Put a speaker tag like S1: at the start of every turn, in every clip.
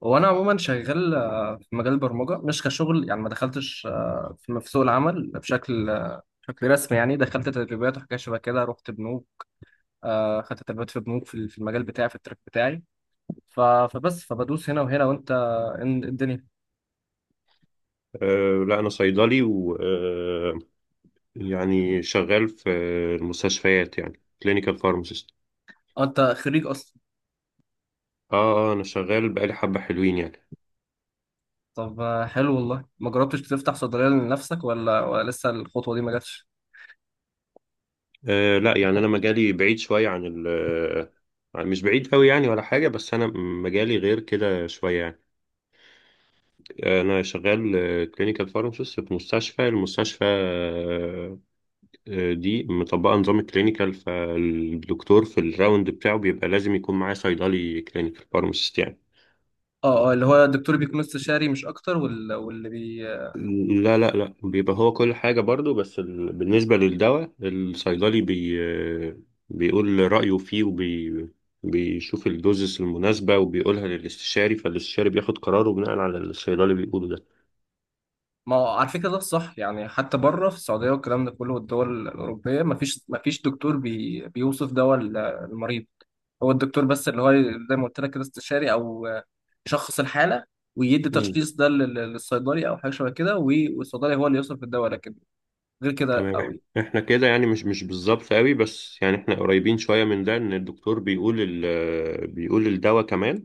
S1: وانا عموما شغال في مجال البرمجه مش كشغل يعني ما دخلتش في سوق العمل بشكل بشكل رسمي يعني دخلت تدريبات وحاجات شبه كده رحت بنوك خدت تدريبات في بنوك في المجال بتاعي في التراك بتاعي فبس فبدوس هنا وهنا وانت الدنيا.
S2: لا أنا صيدلي و أه يعني شغال في المستشفيات، يعني كلينيكال فارماسيست.
S1: انت خريج اصلا؟
S2: اه، آه، أنا شغال بقالي حبة حلوين يعني.
S1: طب حلو، والله ما جربتش تفتح صيدليه لنفسك، ولا لسه الخطوه دي ما جاتش؟
S2: لا يعني أنا مجالي بعيد شوية عن ال آه، مش بعيد أوي يعني ولا حاجة، بس أنا مجالي غير كده شوية يعني. أنا شغال كلينيكال فارماسيست في المستشفى دي مطبقة نظام الكلينيكال، فالدكتور في الراوند بتاعه بيبقى لازم يكون معاه صيدلي كلينيكال فارماسيست يعني.
S1: اه اللي هو الدكتور بيكون استشاري مش اكتر، واللي بي.
S2: لا بيبقى هو كل حاجة برضو، بس بالنسبة للدواء الصيدلي بيقول رأيه فيه بيشوف الدوزس المناسبة وبيقولها للاستشاري، فالاستشاري بياخد قراره بناء على اللي الصيدلي بيقوله ده.
S1: ما هو على فكرة ده الصح يعني، حتى بره في السعودية والكلام ده كله والدول الأوروبية مفيش دكتور بي بيوصف دواء المريض، هو الدكتور بس اللي هو زي ما قلت لك كده استشاري، أو يشخص الحالة ويدي
S2: مم.
S1: تشخيص ده للصيدلي أو حاجة شبه كده، والصيدلي هو اللي يوصف الدواء، لكن غير كده
S2: تمام.
S1: أوي.
S2: احنا كده يعني مش بالظبط قوي، بس يعني احنا قريبين شوية من ده، ان الدكتور بيقول بيقول الدواء كمان.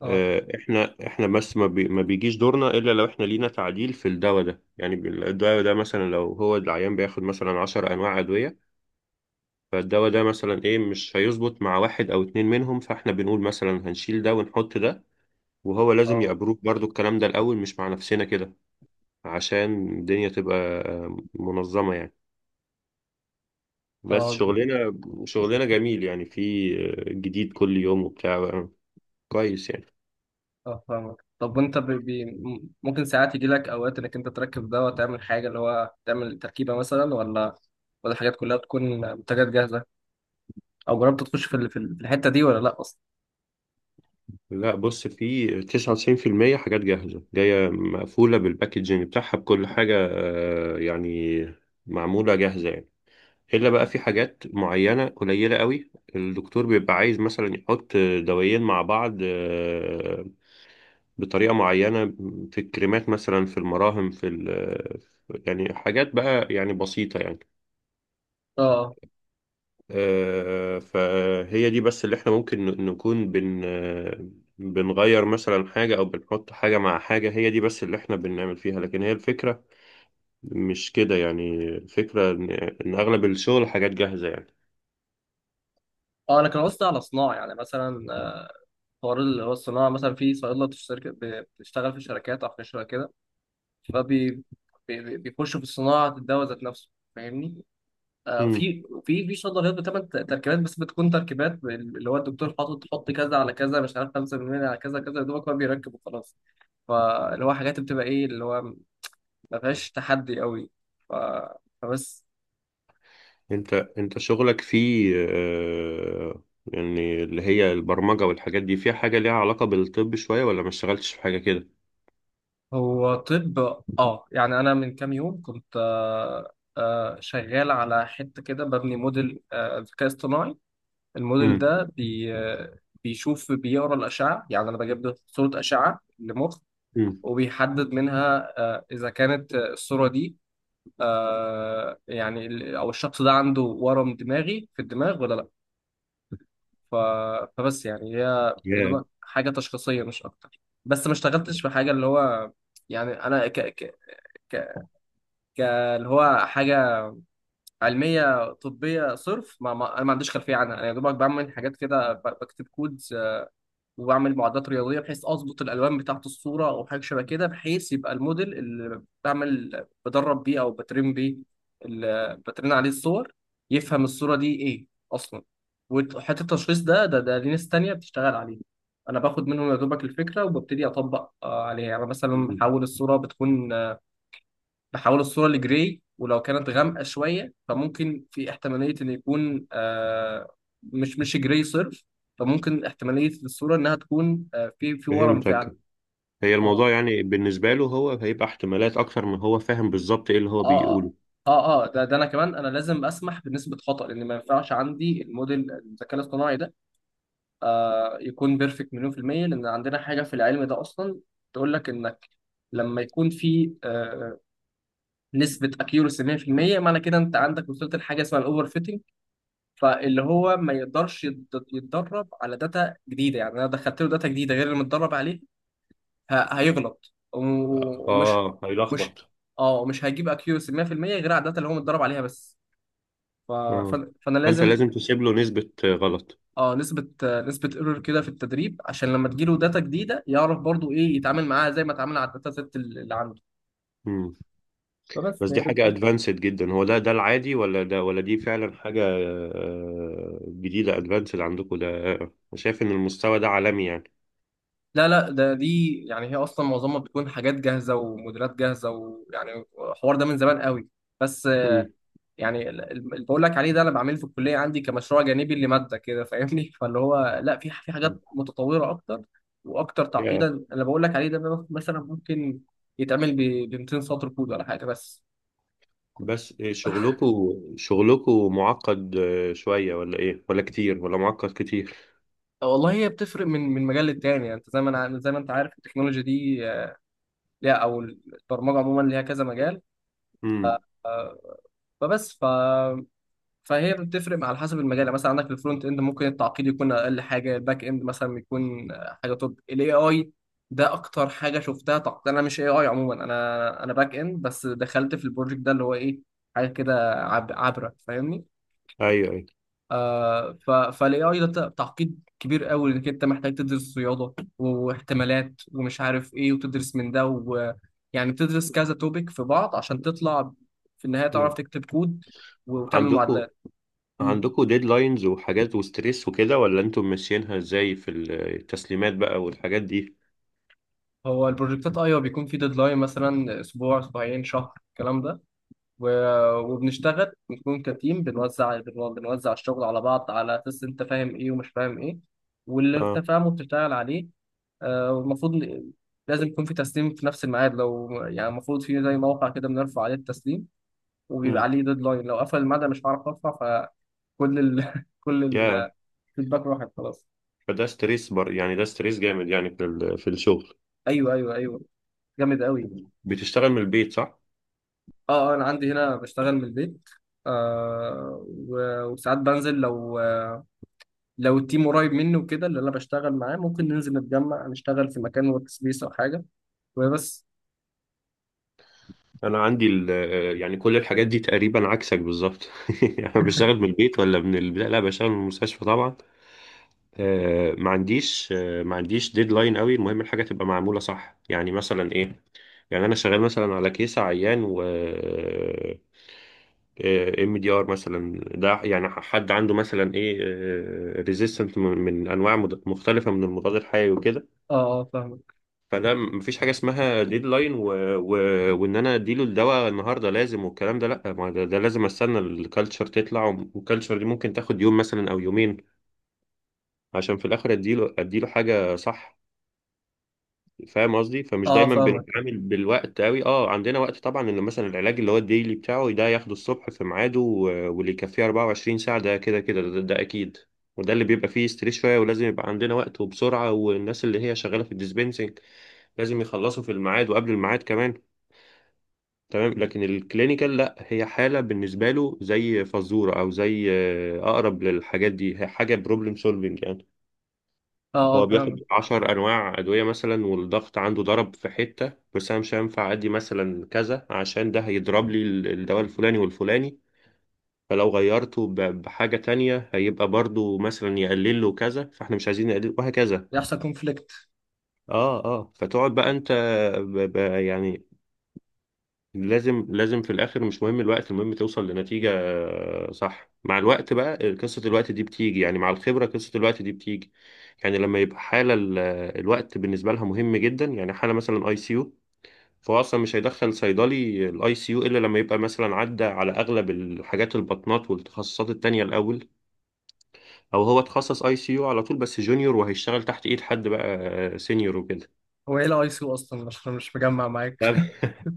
S1: اه
S2: احنا بس ما بيجيش دورنا الا لو احنا لينا تعديل في الدواء ده، يعني الدواء ده مثلا لو هو العيان بياخد مثلا 10 انواع ادويه، فالدواء ده مثلا ايه مش هيظبط مع واحد او اتنين منهم، فاحنا بنقول مثلا هنشيل ده ونحط ده. وهو لازم
S1: اه
S2: يأبروف برضو الكلام ده الاول، مش مع نفسنا كده، عشان الدنيا تبقى منظمه يعني. بس
S1: اه
S2: شغلنا جميل، يعني في جديد كل يوم وبتاع، كويس يعني.
S1: اه فاهمك. طب وانت ممكن ساعات يجي لك اوقات انك انت تركب دواء، تعمل حاجه اللي هو تعمل تركيبه مثلا، ولا الحاجات كلها بتكون منتجات جاهزه؟ او جربت تخش في الحته دي ولا لا اصلا؟
S2: لا بص، في 99% حاجات جاهزة جاية مقفولة بالباكجينج بتاعها بكل حاجة، يعني معمولة جاهزة يعني. إلا بقى في حاجات معينة قليلة قوي الدكتور بيبقى عايز مثلا يحط دوايين مع بعض، بطريقة معينة، في الكريمات مثلا، في المراهم، في يعني حاجات بقى يعني بسيطة يعني.
S1: اه
S2: فهي دي بس اللي احنا ممكن نكون بن آه، بنغير مثلا حاجة أو بنحط حاجة مع حاجة. هي دي بس اللي احنا بنعمل فيها، لكن هي الفكرة مش كده يعني، الفكرة إن أغلب الشغل حاجات جاهزة يعني.
S1: اه انا كان قصدي على صناعه، يعني مثلا حوار اللي هو الصناعه مثلا، في صيدله بتشترك بتشتغل في شركات او في شركه كده، فبي بيخشوا في صناعه الدواء ذات نفسه، فاهمني؟ آه،
S2: مم.
S1: في في صيدليات بتعمل تركيبات، بس بتكون تركيبات اللي هو الدكتور حط كذا على كذا، مش عارف 5% على كذا كذا، يا دوبك هو بيركب وخلاص. فاللي هو حاجات بتبقى ايه اللي هو ما فيهاش تحدي قوي. ف... فبس.
S2: أنت شغلك فيه، يعني اللي هي البرمجة والحاجات دي، فيها حاجة ليها علاقة بالطب شوية، ولا ما اشتغلتش في حاجة كده؟
S1: هو طب، اه يعني انا من كام يوم كنت شغال على حته كده، ببني موديل ذكاء اصطناعي. الموديل
S2: مم.
S1: ده بي آه، بيشوف، بيقرا الاشعه، يعني انا بجيب له صوره اشعه لمخ،
S2: مم.
S1: وبيحدد منها اذا كانت الصوره دي يعني او الشخص ده عنده ورم دماغي في الدماغ ولا لا. ف- فبس يعني هي يا
S2: ياه.
S1: دوبك حاجه تشخيصيه مش اكتر، بس ما اشتغلتش في حاجه اللي هو يعني انا ك... ك... ك- اللي هو حاجة علمية طبية صرف، ما أنا ما عنديش خلفية عنها. أنا يا دوبك بعمل حاجات كده، بكتب كودز وبعمل معادلات رياضية بحيث أظبط الألوان بتاعة الصورة أو حاجة شبه كده، بحيث يبقى الموديل اللي بعمل، بدرب بيه أو بترين بيه، اللي بترين عليه الصور، يفهم الصورة دي إيه أصلا. وحتة التشخيص ده ده ليه ناس تانية بتشتغل عليه، أنا باخد منهم يا دوبك الفكرة وببتدي أطبق عليها. يعني مثلا
S2: مم.
S1: بحول الصورة بتكون، بحول الصورة لجراي، ولو كانت غامقة شوية فممكن في احتمالية إن يكون آه مش جراي صرف، فممكن احتمالية الصورة إنها تكون آه في ورم فعلا.
S2: فهمتك. هي
S1: اه
S2: الموضوع يعني بالنسبة له هو هيبقى احتمالات أكتر من هو فاهم بالظبط إيه اللي هو
S1: اه اه
S2: بيقوله.
S1: اه ده انا كمان، انا لازم اسمح بنسبه خطا، لان ما ينفعش عندي الموديل الذكاء الاصطناعي ده آه يكون بيرفكت مليون في الميه، لان عندنا حاجه في العلم ده اصلا تقول لك انك لما يكون في آه نسبه اكيورسي 100%، معنى كده انت عندك وصلت لحاجه اسمها الاوفر فيتنج، فاللي هو ما يقدرش يتدرب على داتا جديده. يعني انا دخلت له داتا جديده غير اللي متدرب عليه، هيغلط و- ومش
S2: اه
S1: مش
S2: هيلخبط.
S1: اه مش هيجيب اكيورسي 100% غير على الداتا اللي هو متدرب عليها بس. ف... ف...
S2: اه
S1: فانا
S2: فأنت
S1: لازم
S2: لازم تسيب له نسبة غلط.
S1: اه نسبه نسبه ايرور كده في التدريب، عشان لما تجيله داتا جديده يعرف برضو ايه يتعامل معاها زي ما اتعامل على الداتا سيت اللي عنده.
S2: مم.
S1: فبس
S2: بس
S1: هي
S2: دي حاجة
S1: بتكون.
S2: أدفانسد جدا، هو ده العادي، ولا ده، ولا دي فعلا حاجة جديدة أدفانسد عندكم ده؟ شايف إن المستوى ده عالمي يعني؟
S1: لا ده دي يعني هي اصلا معظمها بتكون حاجات جاهزه وموديلات جاهزه ويعني الحوار ده من زمان قوي، بس
S2: مم.
S1: يعني اللي بقول لك عليه ده انا بعمله في الكليه عندي كمشروع جانبي لماده كده، فاهمني؟ فاللي هو لا، في في حاجات متطوره اكتر واكتر
S2: yeah.
S1: تعقيدا. اللي بقول لك عليه ده بقى مثلا ممكن يتعمل ب 200 سطر كود ولا حاجه بس.
S2: بس إيه، شغلكوا معقد شوية ولا إيه، ولا كتير، ولا معقد كتير؟
S1: والله هي بتفرق من مجال للتاني. يعني انت زي ما انا، زي ما انت عارف التكنولوجيا دي ليها، او البرمجه عموما ليها كذا مجال،
S2: مم.
S1: آه، فبس ف فهي بتفرق على حسب المجال. يعني مثلا عندك في الفرونت اند ممكن التعقيد يكون اقل حاجه، الباك اند مثلا يكون حاجه توب، الاي اي ده اكتر حاجه شفتها تعقيد. انا مش اي اي عموما، انا انا باك اند، بس دخلت في البروجكت ده اللي هو ايه حاجه كده عبره، فاهمني؟
S2: أيوه أيوه.
S1: آه، فالاي اي ده تعقيد كبير قوي، انك انت محتاج تدرس رياضه واحتمالات ومش عارف ايه وتدرس من ده و... يعني بتدرس كذا توبيك في بعض عشان تطلع في النهايه تعرف
S2: مم.
S1: تكتب كود وتعمل
S2: عندكم
S1: معادلات.
S2: عندكم ديدلاينز وحاجات وستريس وكده، ولا انتم ماشيينها ازاي في التسليمات بقى والحاجات دي؟
S1: هو البروجكتات ايوه بيكون في ديدلاين، مثلا اسبوع اسبوعين شهر الكلام ده، وبنشتغل بنكون كتيم، بنوزع بنوزع الشغل على بعض على اساس انت فاهم ايه ومش فاهم ايه، واللي انت
S2: اه.
S1: فاهمه بتشتغل عليه. آه، والمفروض ن- لازم يكون في تسليم في نفس الميعاد. لو يعني المفروض في زي موقع كده بنرفع عليه التسليم، وبيبقى
S2: امم
S1: عليه ديدلاين، لو قفل الميعاد أنا مش هعرف ارفع، فكل كل
S2: يا
S1: الفيدباك راحت خلاص.
S2: فده ستريس بر، يعني ده ستريس جامد يعني في في الشغل؟
S1: ايوه جامد قوي.
S2: بتشتغل من البيت صح؟
S1: اه، انا عندي هنا بشتغل من البيت، آه وساعات بنزل، لو لو التيم قريب مني وكده، اللي انا بشتغل معاه، ممكن ننزل نتجمع نشتغل في مكان ورك سبيس او حاجه، وبس.
S2: انا عندي يعني كل الحاجات دي تقريبا عكسك بالظبط. يعني بشتغل من البيت ولا من لا لا، بشتغل من المستشفى طبعا. ما عنديش ديدلاين قوي، المهم الحاجه تبقى معموله صح، يعني مثلا ايه، يعني انا شغال مثلا على كيس عيان، و ام دي ار مثلا ده، يعني حد عنده مثلا ايه ريزيستنت من انواع مختلفه من المضاد الحيوي وكده.
S1: اه اه فاهمك.
S2: فده مفيش حاجه اسمها ديدلاين و... وان انا اديله الدواء النهارده لازم والكلام ده، لا ما ده لازم استنى الكالتشر تطلع، والكالتشر دي ممكن تاخد يوم مثلا او يومين عشان في الاخر اديله حاجه صح. فاهم قصدي؟ فمش
S1: اه،
S2: دايما
S1: فاهمك.
S2: بنتعامل بالوقت قوي. اه عندنا وقت طبعا، انه مثلا العلاج اللي هو الديلي بتاعه ده ياخده الصبح في ميعاده، واللي يكفيه 24 ساعة ده، كده ده اكيد. وده اللي بيبقى فيه ستريس شوية، ولازم يبقى عندنا وقت وبسرعة. والناس اللي هي شغالة في الديسبنسنج لازم يخلصوا في الميعاد وقبل الميعاد كمان. تمام. لكن الكلينيكال لا، هي حالة بالنسبة له زي فزورة او زي، اقرب للحاجات دي، هي حاجة بروبلم سولفنج يعني.
S1: اه
S2: هو
S1: فاهمك.
S2: بياخد عشر أنواع أدوية مثلا والضغط عنده ضرب في حتة، بس أنا مش هينفع أدي مثلا كذا عشان ده هيضرب لي الدواء الفلاني والفلاني. فلو غيرته بحاجة تانية هيبقى برضو مثلا يقلل له كذا، فاحنا مش عايزين نقلل، وهكذا.
S1: يحصل كونفليكت.
S2: اه اه. فتقعد بقى انت يعني لازم في الاخر، مش مهم الوقت، المهم توصل لنتيجة صح. مع الوقت بقى قصة الوقت دي بتيجي، يعني مع الخبرة قصة الوقت دي بتيجي. يعني لما يبقى حالة الوقت بالنسبة لها مهم جدا، يعني حالة مثلا اي سي يو، فهو اصلا مش هيدخل صيدلي الاي سي يو الا لما يبقى مثلا عدى على اغلب الحاجات البطنات والتخصصات التانية الاول، او هو اتخصص اي سي يو على طول بس جونيور، وهيشتغل تحت ايد حد بقى سينيور وكده.
S1: هو ايه الاي سي اصلا؟ مش مجمع معاك.
S2: لا.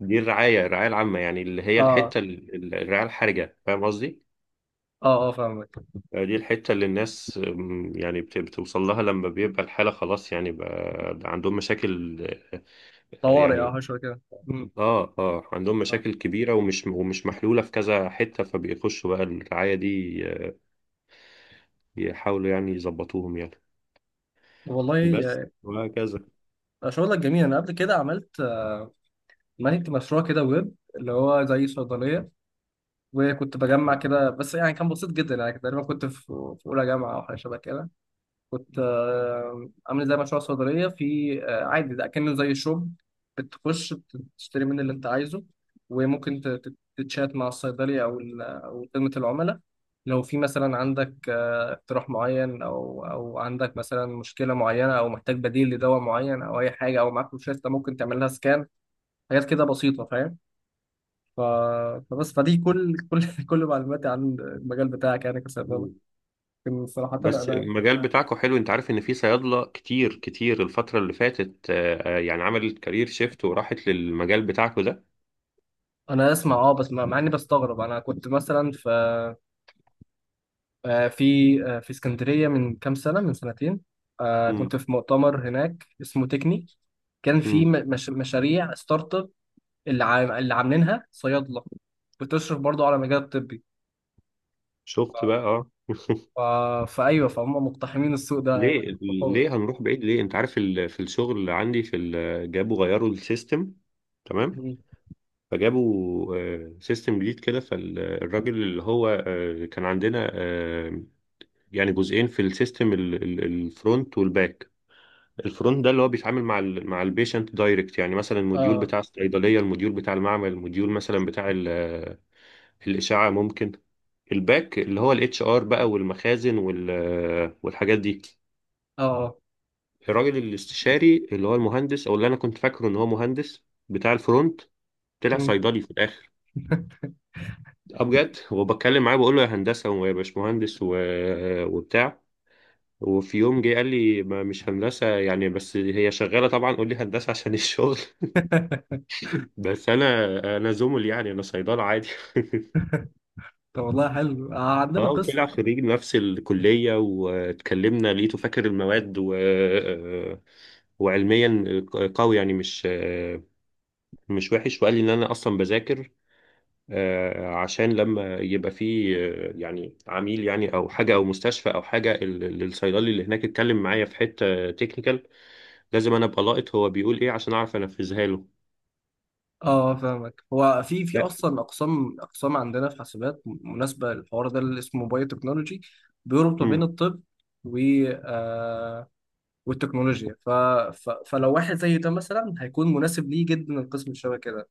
S2: دي الرعاية، العامة يعني، اللي هي
S1: اه اه
S2: الحتة الرعاية الحرجة. فاهم قصدي؟
S1: اه فاهمك.
S2: دي الحتة اللي الناس يعني بتوصل لها لما بيبقى الحالة خلاص يعني، بقى عندهم مشاكل،
S1: طوارئ
S2: يعني
S1: اه شويه كده. مم.
S2: اه اه عندهم
S1: آه.
S2: مشاكل كبيرة، ومش محلولة في كذا حتة، فبيخشوا بقى الرعاية دي يحاولوا يعني يظبطوهم يعني.
S1: والله
S2: بس وهكذا.
S1: شغلك جميل. انا قبل كده عملت مانجت مشروع كده ويب اللي هو زي صيدليه، وكنت بجمع كده، بس يعني كان بسيط جدا يعني. تقريبا كنت في في اولى جامعه او حاجه شبه كده، كنت عامل زي مشروع صيدليه في آه، عادي، ده كأنه زي شوب، بتخش تشتري من اللي انت عايزه، وممكن تتشات مع الصيدلي او خدمه العملاء لو في مثلا عندك اقتراح معين، او عندك مثلا مشكله معينه، او محتاج بديل لدواء معين، او اي حاجه، او معاك روشته ممكن تعمل لها سكان، حاجات كده بسيطه، فاهم؟ ف... فبس، فدي كل كل معلوماتي عن المجال بتاعك يعني، كسبابة.
S2: مم.
S1: لكن صراحة
S2: بس
S1: أنا
S2: المجال بتاعكو حلو، انت عارف ان في صيادلة كتير كتير الفترة اللي فاتت، يعني عملت كارير شيفت وراحت للمجال بتاعكو ده.
S1: أنا أسمع أه بس مع إني بستغرب. أنا كنت مثلا آه، في في اسكندرية من كام سنة، من سنتين
S2: مم.
S1: كنت في مؤتمر هناك اسمه تكني، كان في
S2: مم.
S1: م- مش... مشاريع ستارت اب اللي عاملينها صيادلة، بتشرف برضه على المجال الطبي.
S2: شفت بقى؟ اه.
S1: ف... فأيوه، فهم مقتحمين السوق ده
S2: ليه، ليه
S1: بقوة.
S2: هنروح بعيد؟ ليه، انت عارف في الشغل اللي عندي جابوا غيروا السيستم. تمام.
S1: م.
S2: فجابوا سيستم جديد كده، فالراجل اللي هو كان عندنا، يعني جزئين في السيستم، الفرونت والباك. الفرونت ده اللي هو بيتعامل مع مع البيشنت دايركت، يعني مثلا الموديول
S1: اه
S2: بتاع الصيدليه، الموديول بتاع المعمل، الموديول مثلا بتاع الاشعه ممكن. الباك اللي هو الاتش ار بقى والمخازن والحاجات دي.
S1: اه آه.
S2: الراجل الاستشاري، اللي هو المهندس، او اللي انا كنت فاكره ان هو مهندس بتاع الفرونت، طلع
S1: م.
S2: صيدلي في الاخر. اه بجد، وبتكلم معاه بقول له يا هندسه ويا باشمهندس وبتاع، وفي يوم جه قال لي ما مش هندسه يعني، بس هي شغاله طبعا قول لي هندسه عشان الشغل. بس انا زمل يعني، انا صيدله عادي.
S1: طب والله حلو. عندنا
S2: اه
S1: قسم،
S2: وطلع خريج نفس الكليه، واتكلمنا لقيته فاكر المواد، وعلميا قوي يعني، مش وحش. وقال لي ان انا اصلا بذاكر، عشان لما يبقى فيه، يعني عميل يعني او حاجه او مستشفى او حاجه، الصيدلي اللي هناك اتكلم معايا في حته تكنيكال، لازم انا ابقى لاقط هو بيقول ايه عشان اعرف انفذها له.
S1: اه فاهمك، هو في
S2: لا.
S1: اصلا اقسام، اقسام عندنا في حاسبات مناسبه للحوار ده، اللي اسمه بايو تكنولوجي، بيربط ما بين
S2: مم.
S1: الطب و آه والتكنولوجيا، فلو واحد زي ده مثلا هيكون مناسب ليه جدا القسم اللي شبه كده.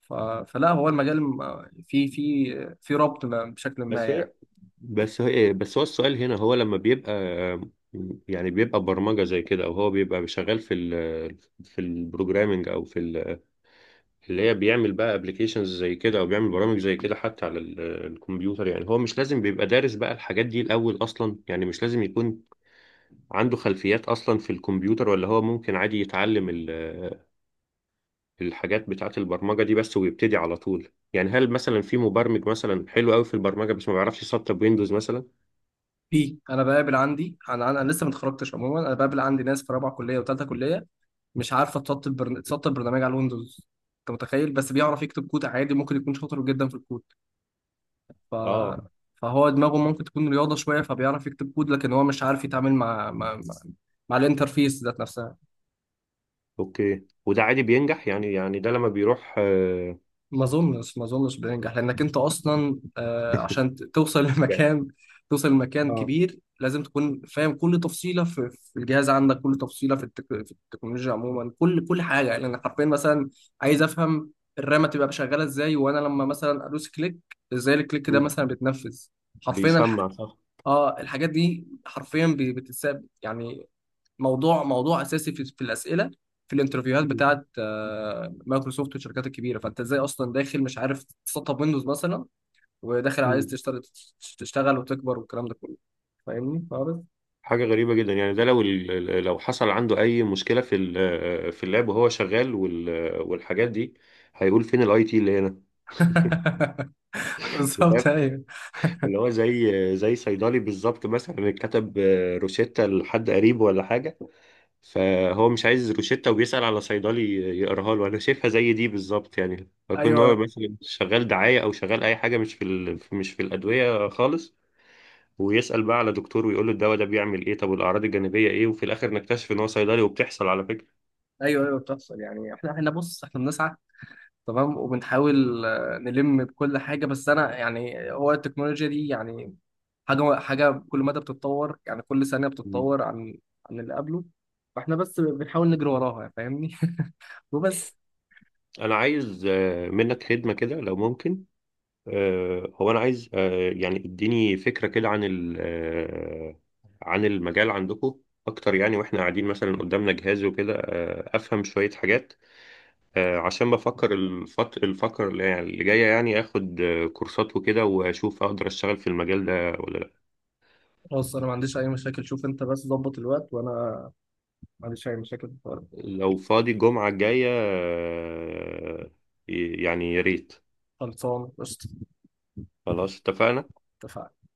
S1: ف... فلا، هو المجال في في ربط ما بشكل ما
S2: بس
S1: يعني.
S2: هي بس هو السؤال هنا، هو لما بيبقى يعني بيبقى برمجه زي كده، او هو بيبقى شغال في البروجرامنج اللي هي بيعمل بقى ابلكيشنز زي كده، او بيعمل برامج زي كده حتى على الكمبيوتر يعني، هو مش لازم بيبقى دارس بقى الحاجات دي الاول اصلا يعني، مش لازم يكون عنده خلفيات أصلا في الكمبيوتر، ولا هو ممكن عادي يتعلم الحاجات بتاعة البرمجة دي بس ويبتدي على طول؟ يعني هل مثلا في مبرمج مثلا حلو قوي في البرمجة بس ما بيعرفش يسطب ويندوز مثلا؟
S1: في، انا بقابل عندي، انا انا لسه ما اتخرجتش عموما، انا بقابل عندي ناس في رابعه كليه وثالثه كليه مش عارفه تسطب تسطب برنامج على الويندوز، انت متخيل؟ بس بيعرف يكتب كود عادي، ممكن يكون شاطر جدا في الكود. ف...
S2: اه.
S1: فهو دماغه ممكن تكون رياضه شويه فبيعرف يكتب كود، لكن هو مش عارف يتعامل مع مع الانترفيس ذات نفسها.
S2: اوكي. وده عادي بينجح يعني؟ يعني ده لما بيروح
S1: ما اظنش بينجح، لانك انت اصلا عشان توصل
S2: يعني
S1: لمكان، توصل لمكان
S2: اه
S1: كبير، لازم تكون فاهم كل تفصيله في الجهاز عندك، كل تفصيله في التكنولوجيا عموما، كل حاجه يعني. انا حرفيا مثلا عايز افهم الرامه تبقى شغاله ازاي، وانا لما مثلا ادوس كليك ازاي الكليك ده
S2: مم.
S1: مثلا بيتنفذ، حرفيا
S2: بيسمع صح.
S1: اه الحاجات دي حرفيا بتتساب يعني. موضوع اساسي في الاسئله في الانترفيوهات
S2: مم.
S1: بتاعت مايكروسوفت والشركات الكبيره، فانت ازاي اصلا داخل مش عارف تسطب ويندوز مثلا، وداخل عايز
S2: مم.
S1: تشتغل، تشتغل وتكبر والكلام ده كله، فاهمني خالص؟
S2: حاجة غريبة جدا يعني. ده لو لو حصل عنده أي مشكلة في في اللاب وهو شغال والحاجات دي، هيقول فين الاي تي اللي هنا.
S1: بالظبط. ايوه
S2: اللي هو زي صيدلي بالظبط، مثلا كتب روشتة لحد قريبه ولا حاجة، فهو مش عايز روشتة وبيسأل على صيدلي يقراها له. أنا شايفها زي دي بالظبط يعني، فيكون هو
S1: ايوه
S2: مثلا شغال دعاية أو شغال أي حاجة مش في مش في الأدوية خالص، ويسأل بقى على دكتور ويقول له الدواء ده بيعمل إيه، طب والأعراض الجانبية إيه، وفي الآخر نكتشف إن هو صيدلي. وبتحصل على فكرة.
S1: ايوه بتحصل يعني. احنا بص، احنا بنسعى تمام، وبنحاول نلم بكل حاجه، بس انا يعني هو التكنولوجيا دي يعني حاجه كل مدى بتتطور، يعني كل ثانيه
S2: مم.
S1: بتتطور عن اللي قبله، فاحنا بس بنحاول نجري وراها يعني، فاهمني؟ وبس.
S2: أنا عايز منك خدمة كده لو ممكن. هو انا عايز يعني اديني فكره كده عن عن المجال عندكم اكتر يعني، واحنا قاعدين مثلا قدامنا جهاز وكده افهم شويه حاجات، عشان بفكر الفكر اللي يعني اللي جايه، يعني اخد كورسات وكده واشوف اقدر اشتغل في المجال ده ولا لا.
S1: خلاص، انا ما عنديش اي مشاكل، شوف انت بس ظبط الوقت، وانا ما عنديش اي مشاكل في الحوار.
S2: لو فاضي الجمعه الجايه يعني يا ريت.
S1: خلصان قشطه.
S2: خلاص اتفقنا.
S1: اتفقنا.